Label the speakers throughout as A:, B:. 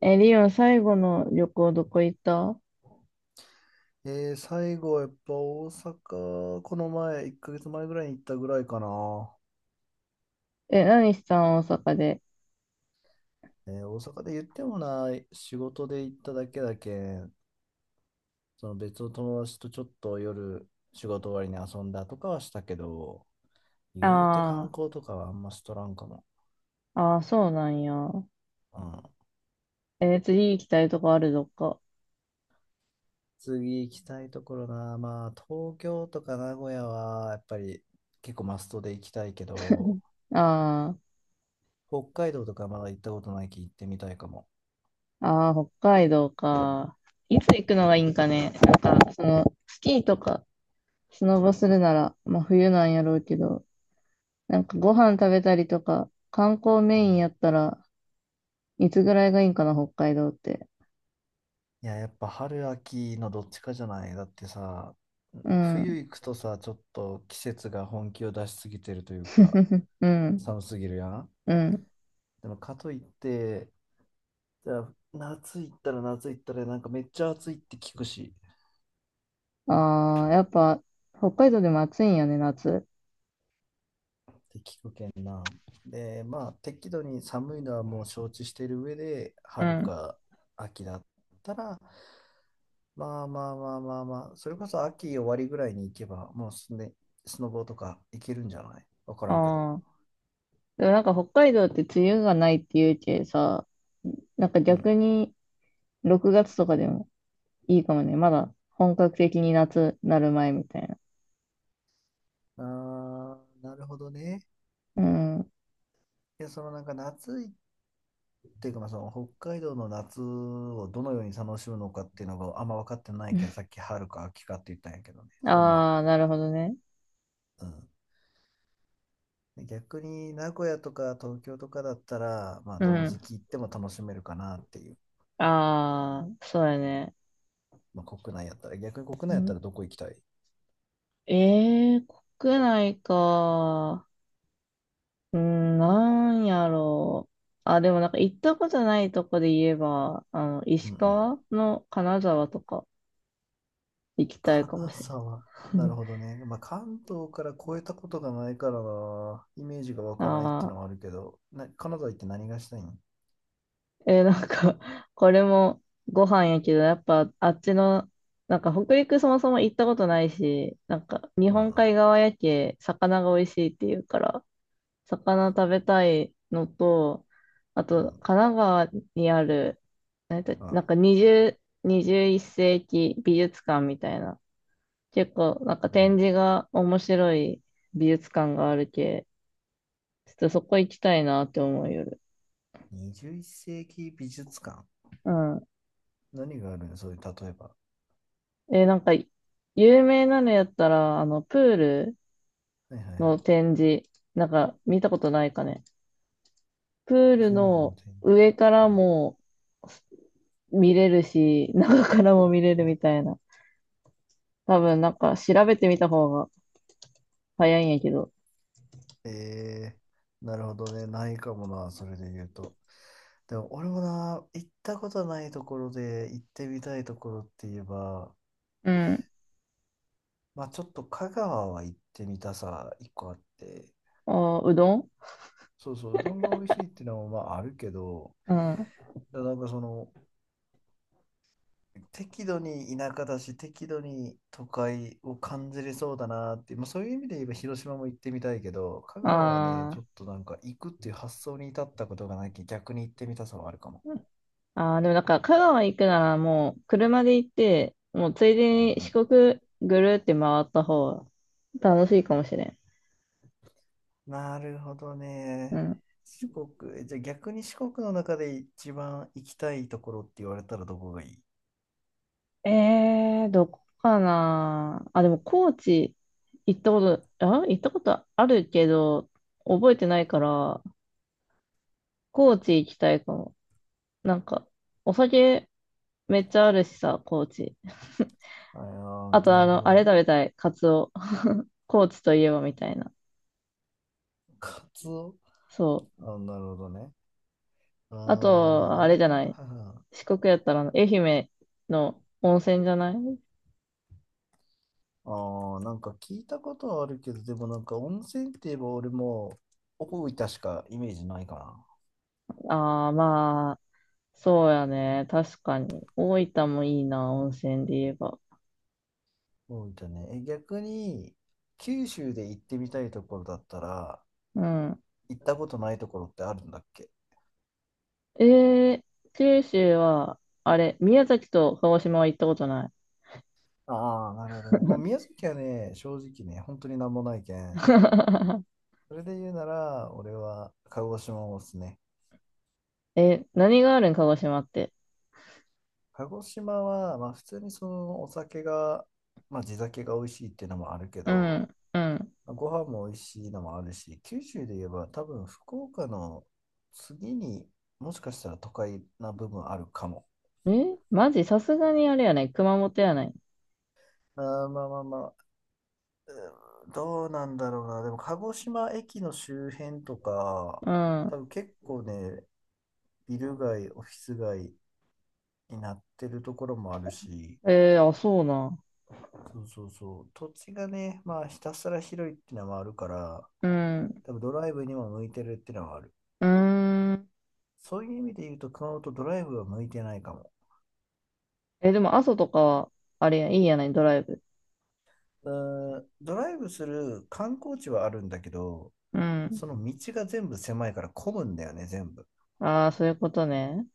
A: え、リオン、最後の旅行どこ行った？
B: 最後はやっぱ大阪、この前、1ヶ月前ぐらいに行ったぐらいかな。
A: え、何したん大阪で？
B: 大阪で言ってもない、仕事で行っただけだけ、その別の友達とちょっと夜、仕事終わりに遊んだとかはしたけど、言うて観
A: あ
B: 光とかはあんましとらんかも。
A: あ、ああ、そうなんや。
B: うん。
A: え、次行きたいとこあるどっか？
B: 次行きたいところな、まあ東京とか名古屋はやっぱり結構マストで行きたいけど、
A: あ
B: 北海道とかまだ行ったことないき行ってみたいかも。
A: あ、ああ、北海道か。いつ行くのがいいんかね。なんか、スキーとか、スノボするなら、まあ冬なんやろうけど、なんかご飯食べたりとか、観光
B: う
A: メイン
B: ん、
A: やったら、いつぐらいがいいんかな、北海道って。
B: いや、やっぱ春秋のどっちかじゃない？だってさ、
A: う
B: 冬
A: ん。
B: 行くとさ、ちょっと季節が本気を出しすぎてるというか、
A: うん。
B: 寒すぎるやん。
A: うん。
B: でもかといって、じゃあ夏行ったらなんかめっちゃ暑いって聞くし、
A: ああ、やっぱ、北海道でも暑いんやね、夏。
B: って聞くけんな。で、まあ適度に寒いのはもう承知してる上で、
A: う
B: 春
A: ん。
B: か秋だったら、まあまあまあまあまあ、それこそ秋終わりぐらいに行けば、もうすね、スノボとか行けるんじゃない？わからんけど。
A: ああ。でもなんか北海道って梅雨がないっていうけさ、なんか
B: うん。
A: 逆に6月とかでもいいかもね。まだ本格的に夏なる前みたいな。
B: ああ、なるほどね。
A: うん。
B: いや、そのなんか夏いっていうか、まあ、その北海道の夏をどのように楽しむのかっていうのがあんま分かってないけどさっき春か秋かって言ったんやけどね。それもある。
A: ああ、なるほどね。
B: うん。で逆に名古屋とか東京とかだったら、まあ、
A: う
B: どの時
A: ん。
B: 期行っても楽しめるかなっていう。
A: ああ、そうやね。
B: まあ、国内やったら、逆に国内
A: う
B: やった
A: ん、
B: らどこ行きたい？
A: ええー、国内か。うん、なんやろう。あ、でもなんか行ったことないとこで言えば、
B: うんう
A: 石
B: ん。
A: 川の金沢とか行きたいかも
B: 金
A: しれな
B: 沢。な
A: い。
B: るほど ね。まあ、関東から越えたことがないからなイメージが湧かないっていうの
A: あ
B: はあるけど、な、金沢行って何がしたいん？
A: なんか、これもご飯やけど、やっぱあっちの、なんか北陸そもそも行ったことないし、なんか日
B: あ
A: 本海
B: あ、
A: 側やけ、魚が美味しいっていうから、魚食べたいのと、あ
B: う
A: と、
B: ん、
A: 神奈川にある、
B: あ
A: なんか
B: あ、
A: 20、1世紀美術館みたいな、結構なんか
B: うん。
A: 展示が面白い美術館があるけ、ちょっとそこ行きたいなって思う夜。
B: 21世紀美術館。
A: うん。
B: 何があるのそういう、例えば。
A: え、なんか、有名なのやったら、あの、プール
B: はいはいは
A: の
B: い。
A: 展示、なんか見たことないかね。プール
B: プールの
A: の
B: 展示。
A: 上から
B: うん、
A: も見れるし、中からも見れるみたいな。多分、なんか調べてみた方が早いんやけど。
B: えなるほどね。ないかもな、それで言うと。でも、俺もな、行ったことないところで行ってみたいところって言えば、
A: うん。
B: まあちょっと香川は行ってみたさ、一個あって。
A: あ、うどん。
B: そうそう、うどんが美味しいっていうのはまああるけど、
A: うん。
B: でなんかその、適度に田舎だし、適度に都会を感じれそうだなっていう、まあ、そういう意味で言えば広島も行ってみたいけど、香川はね、
A: あ
B: ちょ
A: ー、
B: っとなんか行くっていう発想に至ったことがないき、逆に行ってみたさはあるかも。
A: あー、でもなんか香川行くならもう車で行って、もうついで
B: うん
A: に四
B: う
A: 国ぐるって回った方が楽しいかもしれん。
B: ん、なるほど
A: う
B: ね。
A: ん。
B: 四国、じゃあ逆に四国の中で一番行きたいところって言われたらどこがいい？
A: えー、どこかなあ、でも高知行ったこと、あ、行ったことあるけど、覚えてないから、高知行きたいかも。なんか、お酒めっちゃあるしさ、高知。
B: ああ
A: あ
B: ー、
A: と、
B: な
A: あ
B: るほ
A: の、
B: ど
A: あれ食
B: ね。
A: べたい、カツオ。高知といえばみたいな。
B: カツオ。
A: そう。
B: あ、なるほどね。あ
A: あ
B: あ、まあ
A: と、あ
B: 俺
A: れじゃ
B: は、
A: ない。
B: はいはい。
A: 四国やったらあの、愛媛の温泉じゃない？
B: ああ、なんか聞いたことはあるけど、でもなんか温泉って言えば俺も大分しかイメージないかな。
A: ああー、まあ、そうやね。確かに。大分もいいな、温泉で言えば。
B: 大分ね。え、逆に九州で行ってみたいところだったら、
A: うん。
B: 行ったことないところってあるんだっけ？
A: えー、九州は、あれ、宮崎と鹿児島は行ったことない。
B: ああ、なるほどね。もう宮崎はね、正直ね、本当になんもないけん。それで言うなら、俺は鹿児島をおすすめ。
A: え、何があるん、鹿児島って？
B: 鹿児島は、まあ普通にそのお酒が、まあ地酒が美味しいっていうのもあるけ
A: う
B: ど、
A: ん、うん。
B: ご飯も美味しいのもあるし、九州で言えば多分福岡の次にもしかしたら都会な部分あるかも。
A: え、マジ？さすがにあれやね、熊本やね。
B: あーまあまあまあ、うーんどうなんだろうな。でも鹿児島駅の周辺とか、
A: う
B: 多
A: ん。
B: 分結構ね、ビル街、オフィス街になってるところもあるし、
A: えー、あ、そうな。
B: そうそうそう、土地がね、まあひたすら広いっていうのもあるから、
A: うん。
B: 多分
A: う
B: ドライブにも向いてるっていうのはある。
A: ーん。
B: そういう意味で言うと熊本ドライブは向いてないかも。
A: え、でも、阿蘇とかは、あれや、いいやないドライブ。
B: うんドライブする観光地はあるんだけど、
A: うん。
B: その道が全部狭いから混むんだよね、全部。
A: ああ、そういうことね。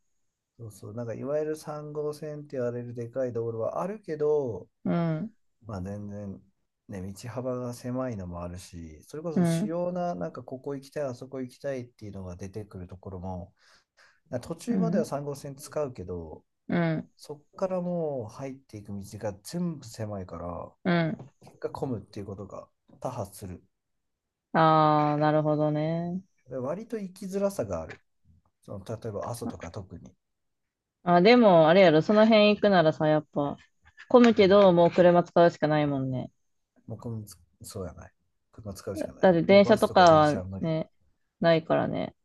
B: そうそう、なんかいわゆる3号線って言われるでかい道路はあるけど、
A: うん、
B: まあ全然、ね、道幅が狭いのもあるし、それこ
A: う
B: そ主
A: ん、
B: 要な、なんかここ行きたい、あそこ行きたいっていうのが出てくるところも、なんか途
A: う
B: 中までは
A: ん、
B: 3号線使うけど、
A: うん、
B: そっからもう入っていく道が全部狭いから、
A: うん。
B: 結果混むっていうことが多発する。
A: ああ、なるほどね。
B: で割と行きづらさがある。その例えば阿蘇とか特に、
A: あ、でも、あれやろ、その辺行くならさ、やっぱ、混む
B: う
A: け
B: ん、
A: ど、もう車使うしかないもんね。
B: もうこのそうやない。車使うしかな
A: だ
B: い。
A: って
B: もう
A: 電
B: バ
A: 車
B: ス
A: と
B: と
A: か
B: か電
A: は
B: 車は無理。
A: ね、ないからね。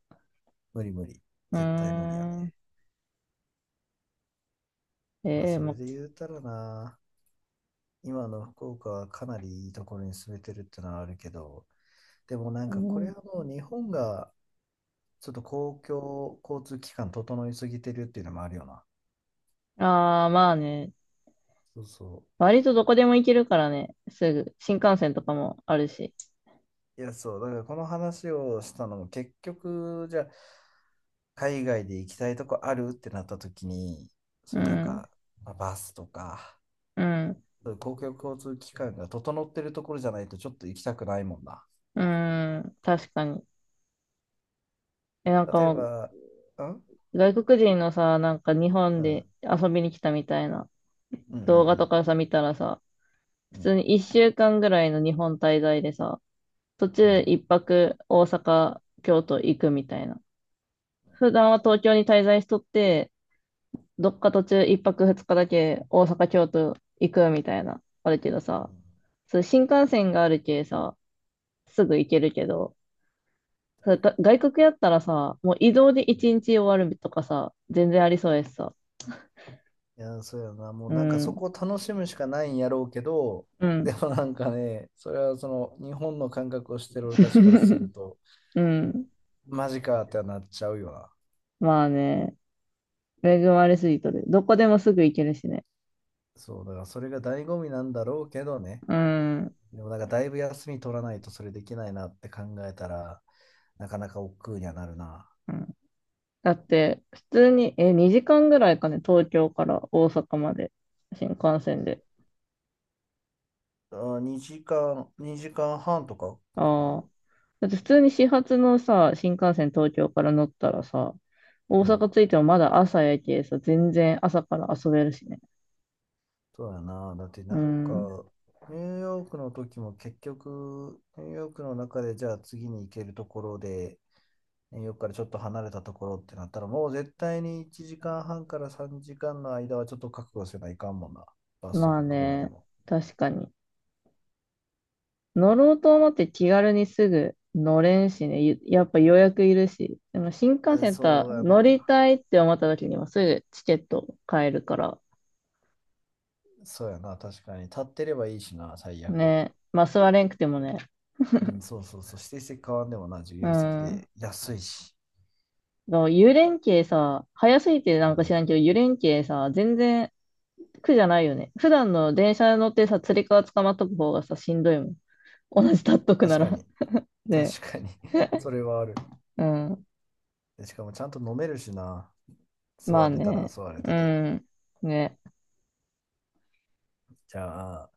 B: 無理無理。
A: うー
B: 絶対無理や
A: ん。
B: ね。まあ
A: ええ
B: それ
A: ま、
B: で言うたらな、今の福岡はかなりいいところに住めてるってのはあるけど、でもなん
A: う
B: かこれ
A: ん。
B: はもう日本がちょっと公共交通機関整いすぎてるっていうのもあるよな。
A: ああー、まあね。
B: そうそ
A: 割とどこでも行けるからね、すぐ。新幹線とかもあるし。
B: う。いや、そう。だからこの話をしたのも結局、じゃあ海外で行きたいとこあるってなった時に、
A: う
B: そういうなん
A: ん、
B: か、まあバスとか、
A: うん、
B: そういう公共交通機関が整ってるところじゃないとちょっと行きたくないもんな。
A: うん、確かに。え、なんか
B: 例え
A: も
B: ば、うん
A: う、外国人のさ、なんか日
B: う
A: 本で
B: ん
A: 遊びに来たみたいな
B: うんう
A: 動画
B: ん
A: とかさ、見たらさ、普
B: うんう
A: 通
B: ん
A: に一週間ぐらいの日本滞在でさ、途
B: う
A: 中
B: ん
A: 一泊大阪、京都行くみたいな。普段は東京に滞在しとって、どっか途中一泊二日だけ大阪、京都行くみたいな、あるけど
B: う
A: さ、
B: ん、
A: そう新幹線があるけさ、すぐ行けるけど、
B: 確
A: それが
B: か
A: 外国やったらさ、もう移動で
B: に。
A: 一日終わるとかさ、全然ありそうやしさ。
B: いやー、そうやな。もう
A: う
B: なんかそ
A: ん、
B: こを楽しむしかないんやろうけど、
A: う ん、
B: でもなんかね、それはその日本の感覚をしてる俺たちからする と、
A: うん。
B: マジかってなっちゃうよな。
A: まあね、恵まれすぎとる。どこでもすぐ行けるしね。
B: そう、だからそれが醍醐味なんだろうけどね。
A: うん。
B: でもなんかだいぶ休み取らないとそれできないなって考えたら、なかなか億劫にはなるな。
A: うん。だって、普通に、え、2時間ぐらいかね、東京から大阪まで、新幹線で。
B: あ、2時間、2時間半とかか
A: あ
B: な。
A: あ。だって普通に始発のさ、新幹線東京から乗ったらさ、大
B: うん。
A: 阪着いてもまだ朝やけさ、全然朝から遊べるしね。
B: そうやな。だって
A: う
B: なん
A: ん。
B: か、ニューヨークの時も結局、ニューヨークの中でじゃあ次に行けるところで、ニューヨークからちょっと離れたところってなったら、もう絶対に1時間半から3時間の間はちょっと覚悟せないかんもんな。バスと
A: まあ
B: か車で
A: ね、
B: も。
A: 確かに。乗ろうと思って気軽にすぐ乗れんしね、ゆやっぱ予約いるし、でも新幹
B: え
A: 線とは
B: そうや
A: 乗り
B: な。
A: たいって思った時にはすぐチケット買えるから、
B: そうやな。確かに。立ってればいいしな、最悪。
A: ね、まあ座れんくてもね、
B: うん、そうそうそう、指定席変わんでもな、自
A: う
B: 由席
A: ん。
B: で安いし。
A: だから湯連携さ、早すぎてな
B: う
A: んか知
B: ん、
A: らんけど、湯連携さ、全然苦じゃないよね。普段の電車乗ってさ、つり革捕まっとく方がさ、しんどいもん。同じ立っとく
B: 確
A: な
B: か
A: ら。
B: に、
A: ね。
B: 確かに。 それはある。
A: うん。
B: でしかもちゃんと飲めるしな、
A: ま
B: 座
A: あ
B: れたら
A: ね。
B: 座れ
A: う
B: たで。
A: ん。ね。
B: じゃあ、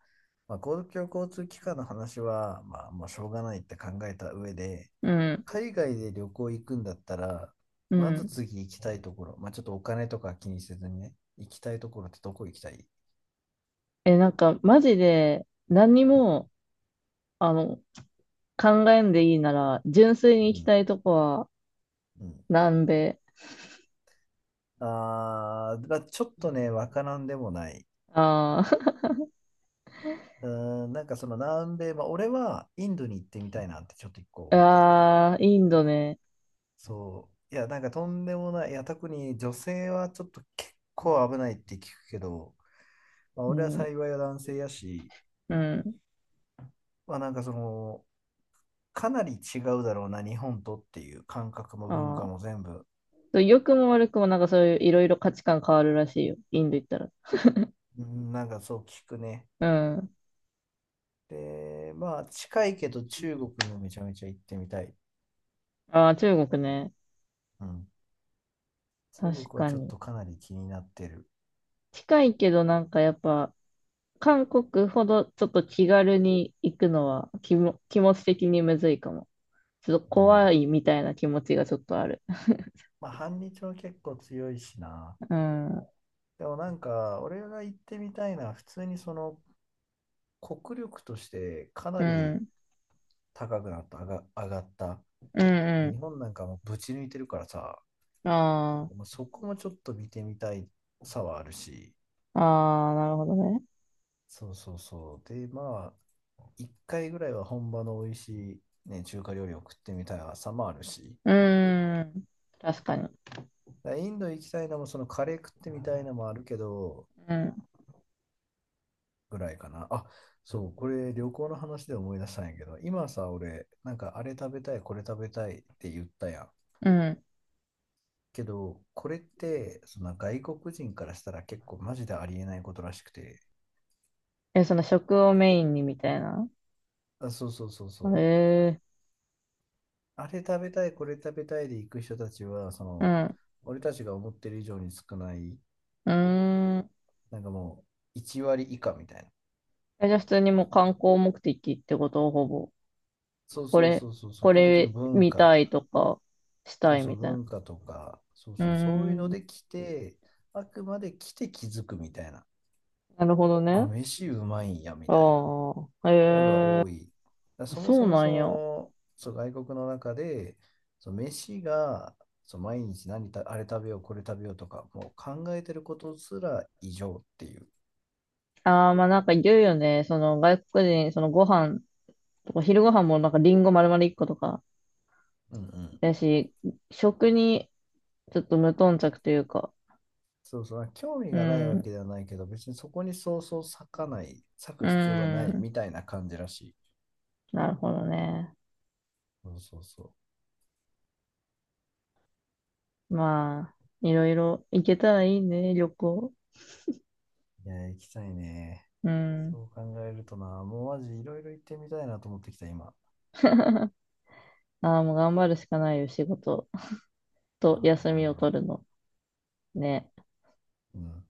B: まあ、公共交通機関の話は、まあ、もうしょうがないって考えた上で、
A: うん。
B: 海外で旅行行くんだったら、
A: う
B: まず
A: ん。
B: 次行きたいところ、まあ、ちょっとお金とか気にせずにね、行きたいところってどこ行きたい？
A: え、なんか、マジで、何にも、あの、考えんでいいなら、純粋に
B: う
A: 行き
B: ん、
A: たいとこは、
B: うん。
A: 南米。
B: あー、まあ、ちょっとね、わからんでもない。
A: あ
B: うーん、なんかその南米、まあ、俺はインドに行ってみたいなってちょっと一個
A: ー。
B: 思ったんやけど、
A: あー、インドね。
B: そう、いや、なんかとんでもない、いや、特に女性はちょっと結構危ないって聞くけど、まあ、
A: う
B: 俺は
A: ん。
B: 幸いは男性やし、
A: うん。
B: まあなんかその、かなり違うだろうな、日本とっていう感覚も文
A: あ
B: 化
A: ー、
B: も全部、
A: そう良くも悪くもなんかそういういろいろ価値観変わるらしいよ。インド行ったら。
B: うん、なんかそう聞くね。
A: うん。
B: で、まあ近いけど中国にもめちゃめちゃ行ってみたい。
A: ああ、中国ね。
B: うん、中国
A: 確
B: は
A: か
B: ちょっ
A: に。
B: とかなり気になってる。
A: 近いけどなんかやっぱ、韓国ほどちょっと気軽に行くのは気も、気持ち的にむずいかも。ちょっと
B: うん、
A: 怖いみたいな気持ちがちょっとある。
B: まあ、反日も結構強いしな。
A: うん。うん。
B: でもなんか、俺が行ってみたいのは、普通にその国力としてかな
A: う
B: り
A: ん。
B: 高くなった、上がった。日
A: う
B: 本なんかもうぶち抜いてるからさ、
A: ん。
B: なん
A: あ
B: かもうそこもちょっと見てみたいさはあるし、
A: あ。ああ、なるほどね。
B: そうそうそう。で、まあ、一回ぐらいは本場の美味しい、ね、中華料理を食ってみたいさもあるし、
A: うん。確かに。
B: だからインド行きたいのも、そのカレー食ってみたいのもあるけど、
A: うん。
B: ぐらいかな。あ、そう、これ旅行の話で思い出したんやけど、今さ、俺、なんかあれ食べたい、これ食べたいって言ったやん。
A: うん。
B: けど、これって、その外国人からしたら結構マジでありえないことらしくて、
A: え、その食をメインにみたいな？
B: あ、そうそうそう
A: へ
B: そう。
A: え。
B: あれ食べたい、これ食べたいで行く人たちは、そ
A: う
B: の、
A: ん。
B: 俺たちが思ってる以上に少ない、
A: うーん。
B: なんかもう、1割以下みたいな。
A: え、じゃあ普通にもう観光目的ってことほぼ。
B: そう
A: こ
B: そう
A: れ、
B: そうそうそう、
A: こ
B: 基本的に
A: れ
B: 文
A: 見
B: 化、
A: たいとか、した
B: そう
A: い
B: そう、
A: みたいな。
B: 文化とか、そう
A: うー
B: そう、そういうの
A: ん、
B: で来て、あくまで来て気づくみたいな。
A: なるほど
B: あ、
A: ね。
B: 飯うまいんや、みたいな
A: ああ、
B: の
A: え
B: が多い。だから
A: ー、
B: そも
A: そ
B: そ
A: う
B: も
A: な
B: そ
A: んや。
B: の、そう、外国の中で、そう、飯が、そう、毎日あれ食べよう、これ食べようとか、もう考えてることすら異常っていう。
A: ああ、まあなんか言うよね。その外国人、そのご飯とか、昼ご飯もなんかリンゴ丸々一個とか、
B: うんうん。
A: やし、食にちょっと無頓着というか。
B: そうそう、興味
A: う
B: がないわけ
A: ん、
B: ではないけど、別にそこにそうそう割かない、割
A: う
B: く必要がない
A: ん、
B: みたいな感じらしい。
A: なるほどね。
B: そうそうそ
A: まあ、いろいろ行けたらいいね、旅行。
B: う。いや、行きたいね。
A: う
B: そ
A: ん。
B: う考えるとな、もうマジいろいろ行ってみたいなと思ってきた、今。
A: ああ、もう頑張るしかないよ、仕事と
B: あー
A: 休
B: 頑
A: みを
B: 張ろ
A: 取るの。ね。
B: う。うん。